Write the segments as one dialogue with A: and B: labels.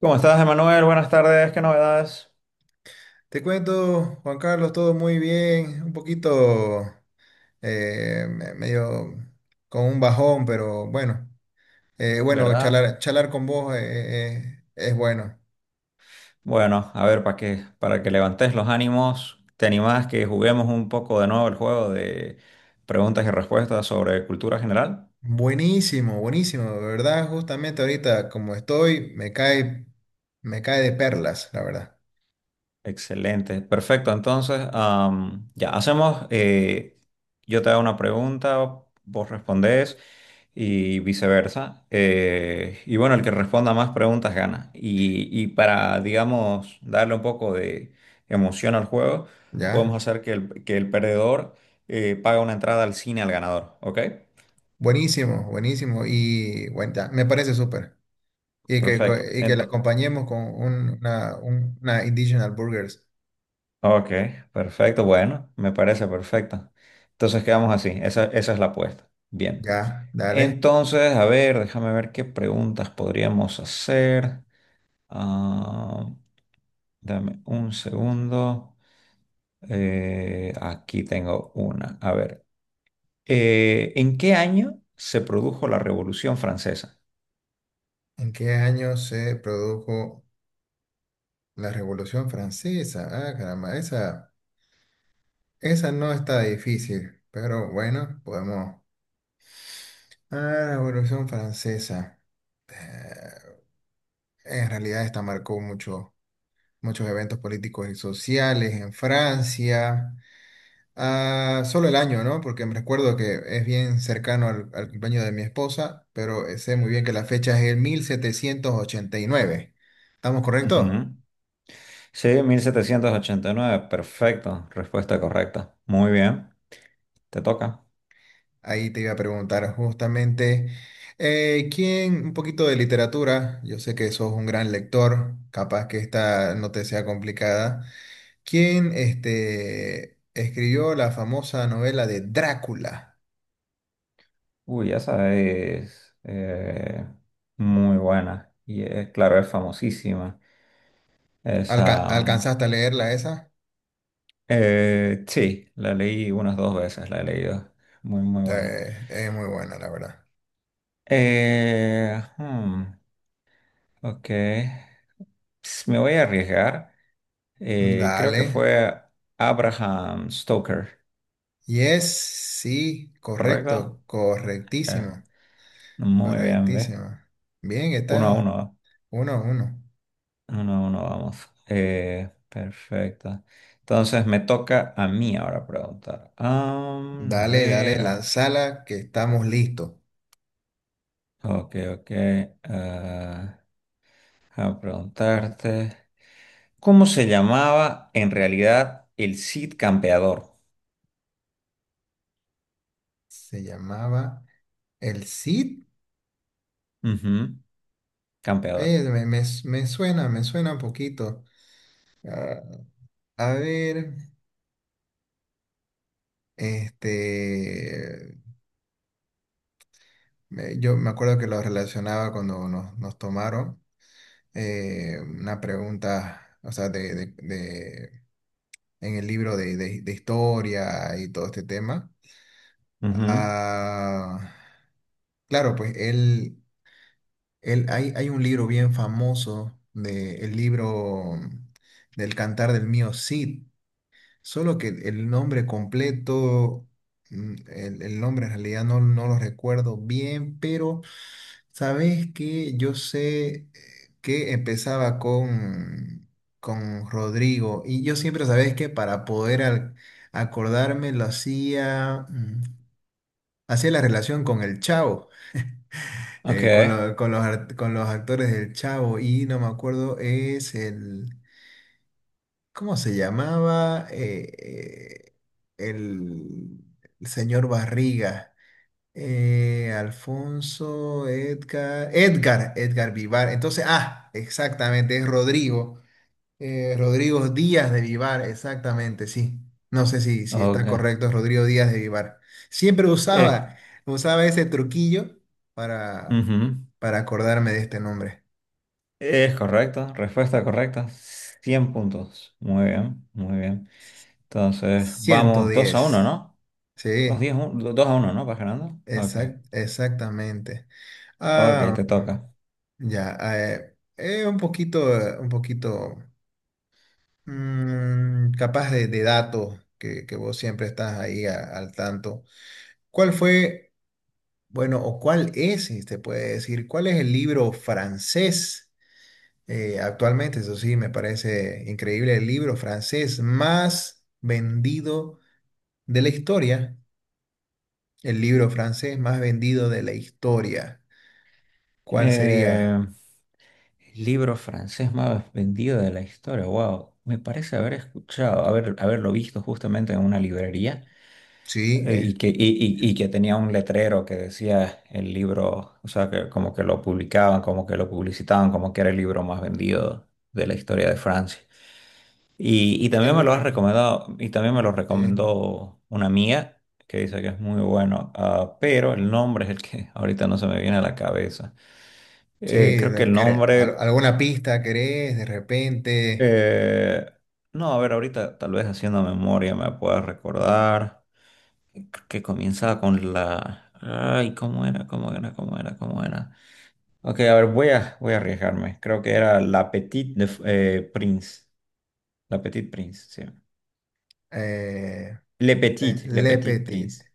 A: ¿Cómo estás, Emanuel? Buenas tardes, qué novedades,
B: Te cuento, Juan Carlos, todo muy bien, un poquito medio con un bajón, pero bueno,
A: ¿verdad?
B: charlar con vos, es bueno.
A: Bueno, a ver, para que levantes los ánimos, ¿te animás que juguemos un poco de nuevo el juego de preguntas y respuestas sobre cultura general?
B: Buenísimo, buenísimo, de verdad, justamente ahorita como estoy, me cae de perlas, la verdad,
A: Excelente, perfecto. Entonces, ya hacemos, yo te hago una pregunta, vos respondés y viceversa. Y bueno, el que responda más preguntas gana. Y para, digamos, darle un poco de emoción al juego,
B: ¿ya?
A: podemos hacer que el perdedor pague una entrada al cine al ganador, ¿ok?
B: Buenísimo, buenísimo, y bueno, ya, me parece súper.
A: Perfecto.
B: Y que la
A: Entonces,
B: acompañemos con una Indigenous Burgers,
A: ok, perfecto, bueno, me parece perfecto. Entonces quedamos así, esa es la apuesta. Bien.
B: ¿ya? Dale.
A: Entonces, a ver, déjame ver qué preguntas podríamos hacer. Ah, dame un segundo. Aquí tengo una. A ver, ¿en qué año se produjo la Revolución Francesa?
B: ¿En qué año se produjo la Revolución Francesa? Ah, caramba, esa no está difícil, pero bueno, podemos. Ah, Revolución Francesa. Eh, en realidad esta muchos eventos políticos y sociales en Francia. Ah, solo el año, ¿no? Porque me recuerdo que es bien cercano al cumpleaños de mi esposa, pero sé muy bien que la fecha es el 1789. ¿Estamos correctos?
A: Ujú. Sí, 1789. Perfecto. Respuesta correcta. Muy bien. Te toca.
B: Ahí te iba a preguntar justamente, ¿quién, un poquito de literatura, yo sé que sos un gran lector, capaz que esta no te sea complicada, ¿quién este, escribió la famosa novela de Drácula?
A: Uy, esa es muy buena. Y es, claro, es famosísima. Esa. mm,
B: ¿Alcanzaste a leerla esa?
A: Eh, sí, la leí unas dos veces, la he leído. Muy, muy buena.
B: Es muy buena, la verdad.
A: Hmm, ok. Me voy a arriesgar. Creo
B: Dale.
A: que fue Abraham Stoker,
B: Yes, sí,
A: ¿correcto?
B: correcto,
A: Eh,
B: correctísimo,
A: muy bien, ve.
B: correctísimo. Bien,
A: Uno a
B: está
A: uno,
B: 1-1.
A: ¿eh? 1-1 vamos. Perfecto. Entonces me toca a mí ahora preguntar. A
B: Dale, dale,
A: ver,
B: lanzala, que estamos listos.
A: ok, ok. ah, a preguntarte. ¿Cómo se llamaba en realidad el Cid Campeador?
B: Se llamaba El Cid.
A: Ujú, Campeador.
B: Me suena, me suena un poquito. Ah, a ver, este, yo me acuerdo que lo relacionaba cuando nos tomaron una pregunta, o sea, en el libro de historia y todo este tema.
A: Ujú,
B: Ah, claro, pues él. Hay, hay un libro bien famoso, de, el libro del Cantar del Mío Cid, solo que el nombre completo, mm, el nombre en realidad no, no lo recuerdo bien, pero sabes que yo sé que empezaba con Rodrigo, y yo siempre sabes que para poder acordarme lo hacía, mm, hacía la relación con el Chavo
A: ok,
B: con los, con los actores del Chavo y no me acuerdo, es el, ¿cómo se llamaba? El, el señor Barriga, Edgar Vivar. Entonces, ah, exactamente, es Rodrigo. Rodrigo Díaz de Vivar, exactamente, sí. No sé si, si está
A: ok.
B: correcto, Rodrigo Díaz de Vivar. Siempre
A: Es,
B: usaba, usaba ese truquillo para,
A: ujú,
B: para acordarme de este nombre.
A: es correcto, respuesta correcta. 100 puntos. Muy bien, muy bien. Entonces,
B: Ciento
A: vamos 2-1,
B: diez,
A: ¿no? Dos 10
B: sí,
A: 2 a uno, ¿no? ¿Vas ganando? Ok,
B: exactamente.
A: ok,
B: Ah,
A: te toca.
B: ya. Un poquito, un poquito mm, capaz de datos que vos siempre estás ahí al tanto. ¿Cuál fue? Bueno, ¿o cuál es? Si te puede decir, ¿cuál es el libro francés actualmente? Eso sí, me parece increíble, el libro francés más vendido de la historia. El libro francés más vendido de la historia. ¿Cuál
A: Eh,
B: sería?
A: libro francés más vendido de la historia. Wow, me parece haber escuchado, haberlo visto justamente en una librería.
B: Sí,
A: Eh, Y que, y, y- y que tenía un letrero que decía el libro, o sea, que como que lo publicaban, como que lo publicitaban, como que era el libro más vendido de la historia de Francia. Y
B: es
A: también me lo has
B: un-
A: recomendado, y también me lo
B: eh,
A: recomendó una amiga que dice que es muy bueno, pero el nombre es el que ahorita no se me viene a la cabeza.
B: sí,
A: Creo que el nombre,
B: ¿alguna pista querés? De repente,
A: eh, no, a ver, ahorita tal vez haciendo memoria me pueda recordar. Que comienza con la. Ay, ¿cómo era? ¿Cómo era? ¿Cómo era? ¿Cómo era? Ok, a ver, voy a arriesgarme. Creo que era La Petite Prince. La Petite Prince, sí.
B: eh,
A: Le Petit, Le
B: Le
A: Petit
B: Petit.
A: Prince.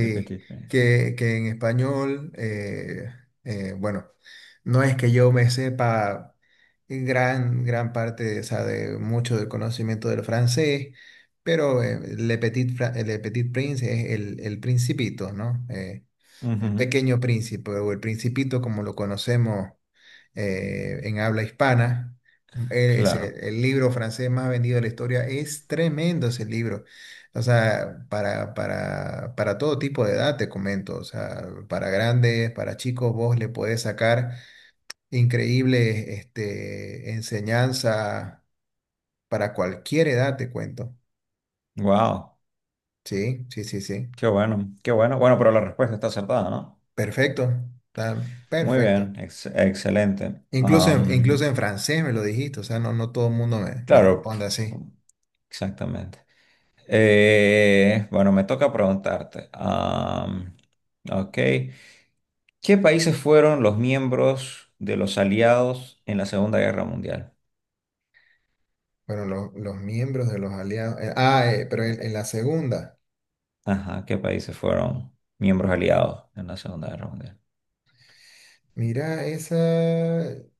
A: Le Petit Prince.
B: que en español, bueno, no es que yo me sepa gran, gran parte, o sea, de mucho del conocimiento del francés, pero Le Petit, Le Petit Prince es el principito, ¿no?
A: Ujú,
B: Pequeño Príncipe o El Principito como lo conocemos en habla hispana. Es
A: claro.
B: el libro francés más vendido de la historia. Es tremendo ese libro. O sea, para todo tipo de edad, te comento. O sea, para grandes, para chicos, vos le podés sacar increíbles este, enseñanza para cualquier edad, te cuento.
A: Wow.
B: Sí, sí, sí, sí.
A: Qué bueno, qué bueno. Bueno, pero la respuesta está acertada, ¿no?
B: Perfecto. Está
A: Muy
B: perfecto.
A: bien, excelente.
B: Incluso en, incluso en francés me lo dijiste, o sea, no, no todo el mundo me, me
A: Claro,
B: responde así.
A: exactamente. Bueno, me toca preguntarte. Ok. ¿Qué países fueron los miembros de los aliados en la Segunda Guerra Mundial?
B: Bueno, los miembros de los aliados. Pero en la segunda.
A: Ajá, ¿qué países fueron miembros aliados en la Segunda Guerra Mundial?
B: Mira, esa.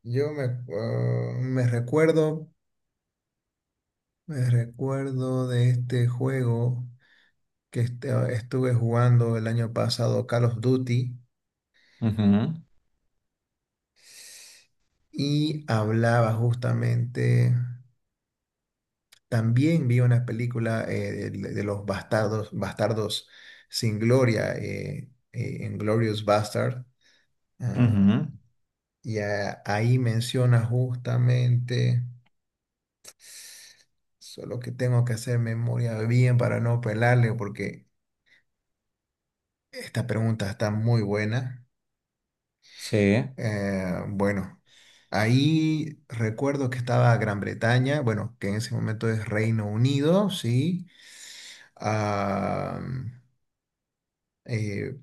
B: Yo me, ah, me recuerdo. Me recuerdo de este juego que estuve jugando el año pasado, Call of Duty,
A: Ujú,
B: y hablaba justamente. También vi una película de los bastardos, bastardos sin gloria, Inglourious Bastard. Ah,
A: ujú,
B: y ahí menciona justamente, solo que tengo que hacer memoria bien para no pelarle, porque esta pregunta está muy buena.
A: sí,
B: Bueno, ahí recuerdo que estaba Gran Bretaña, bueno, que en ese momento es Reino Unido, ¿sí? Ah, eh,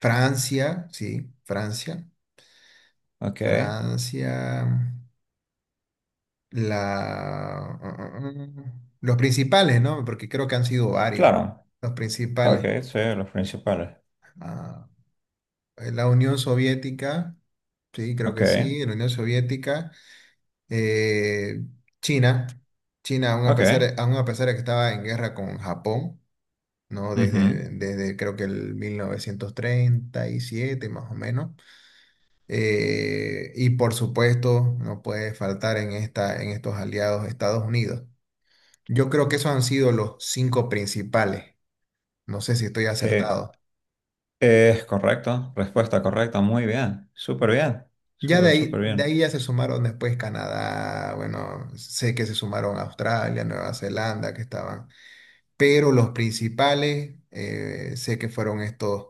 B: Francia, sí, Francia,
A: ok.
B: Francia, mm, la, mm, mm, mm, los principales, ¿no? Porque creo que han sido varios,
A: Claro,
B: los
A: ok,
B: principales.
A: sí, los principales.
B: Ah, la Unión Soviética, sí, creo
A: Ok,
B: que sí, la Unión Soviética, eh, China, China, aún a pesar,
A: ok.
B: aún a pesar de que estaba en guerra con Japón, ¿no?
A: Ujú.
B: Desde, desde creo que el 1937 más o menos. Y por supuesto, no puede faltar en esta, en estos aliados Estados Unidos. Yo creo que esos han sido los cinco principales. No sé si estoy
A: Eh,
B: acertado.
A: Es correcto, respuesta correcta, muy bien,
B: Ya
A: súper, súper
B: de
A: bien.
B: ahí ya se sumaron después Canadá, bueno, sé que se sumaron Australia, Nueva Zelanda, que estaban. Pero los principales, sé que fueron estos,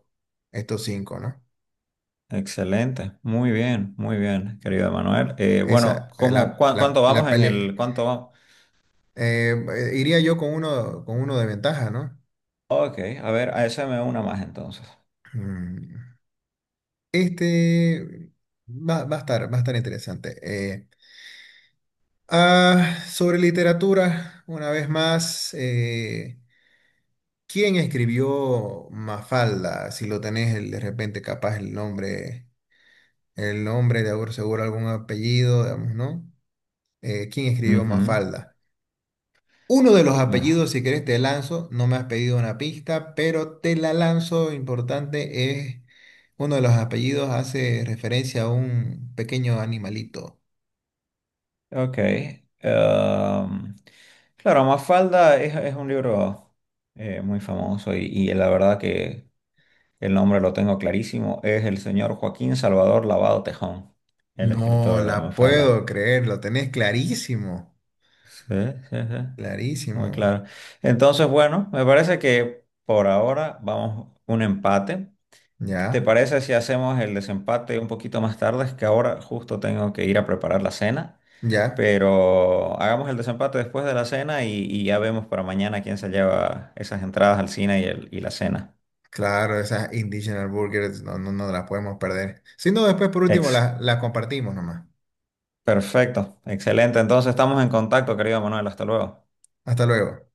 B: estos cinco, ¿no?
A: Excelente, muy bien, querido Manuel. Bueno,
B: Esa,
A: ¿cómo, cuánto vamos cuánto vamos?
B: eh, iría yo con uno de ventaja, ¿no?
A: Ok, a ver, a esa me una más entonces.
B: Mm. Este va, va a estar interesante. Sobre literatura, una vez más, ¿quién escribió Mafalda? Si lo tenés de repente capaz el nombre de seguro algún apellido, digamos, ¿no? ¿Quién escribió
A: Ujú,
B: Mafalda? Uno de los
A: más.
B: apellidos, si querés, te lanzo. No me has pedido una pista, pero te la lanzo. Importante es, uno de los apellidos hace referencia a un pequeño animalito.
A: Ok. Claro, Mafalda es un libro muy famoso y la verdad que el nombre lo tengo clarísimo. Es el señor Joaquín Salvador Lavado Tejón, el
B: No
A: escritor de
B: la puedo
A: Mafalda.
B: creer, lo tenés clarísimo,
A: Sí, sí, sí, muy
B: clarísimo.
A: claro. Entonces, bueno, me parece que por ahora vamos un empate. ¿Te
B: Ya,
A: parece si hacemos el desempate un poquito más tarde? Es que ahora justo tengo que ir a preparar la cena,
B: ya,
A: pero hagamos el desempate después de la cena y ya vemos para mañana quién se lleva esas entradas al cine y la cena.
B: claro, esas Indigenous Burgers no, no, no las podemos perder. Si no, después por último
A: Ex,
B: las compartimos nomás.
A: perfecto, excelente. Entonces estamos en contacto, querido Manuel. Hasta luego.
B: Hasta luego.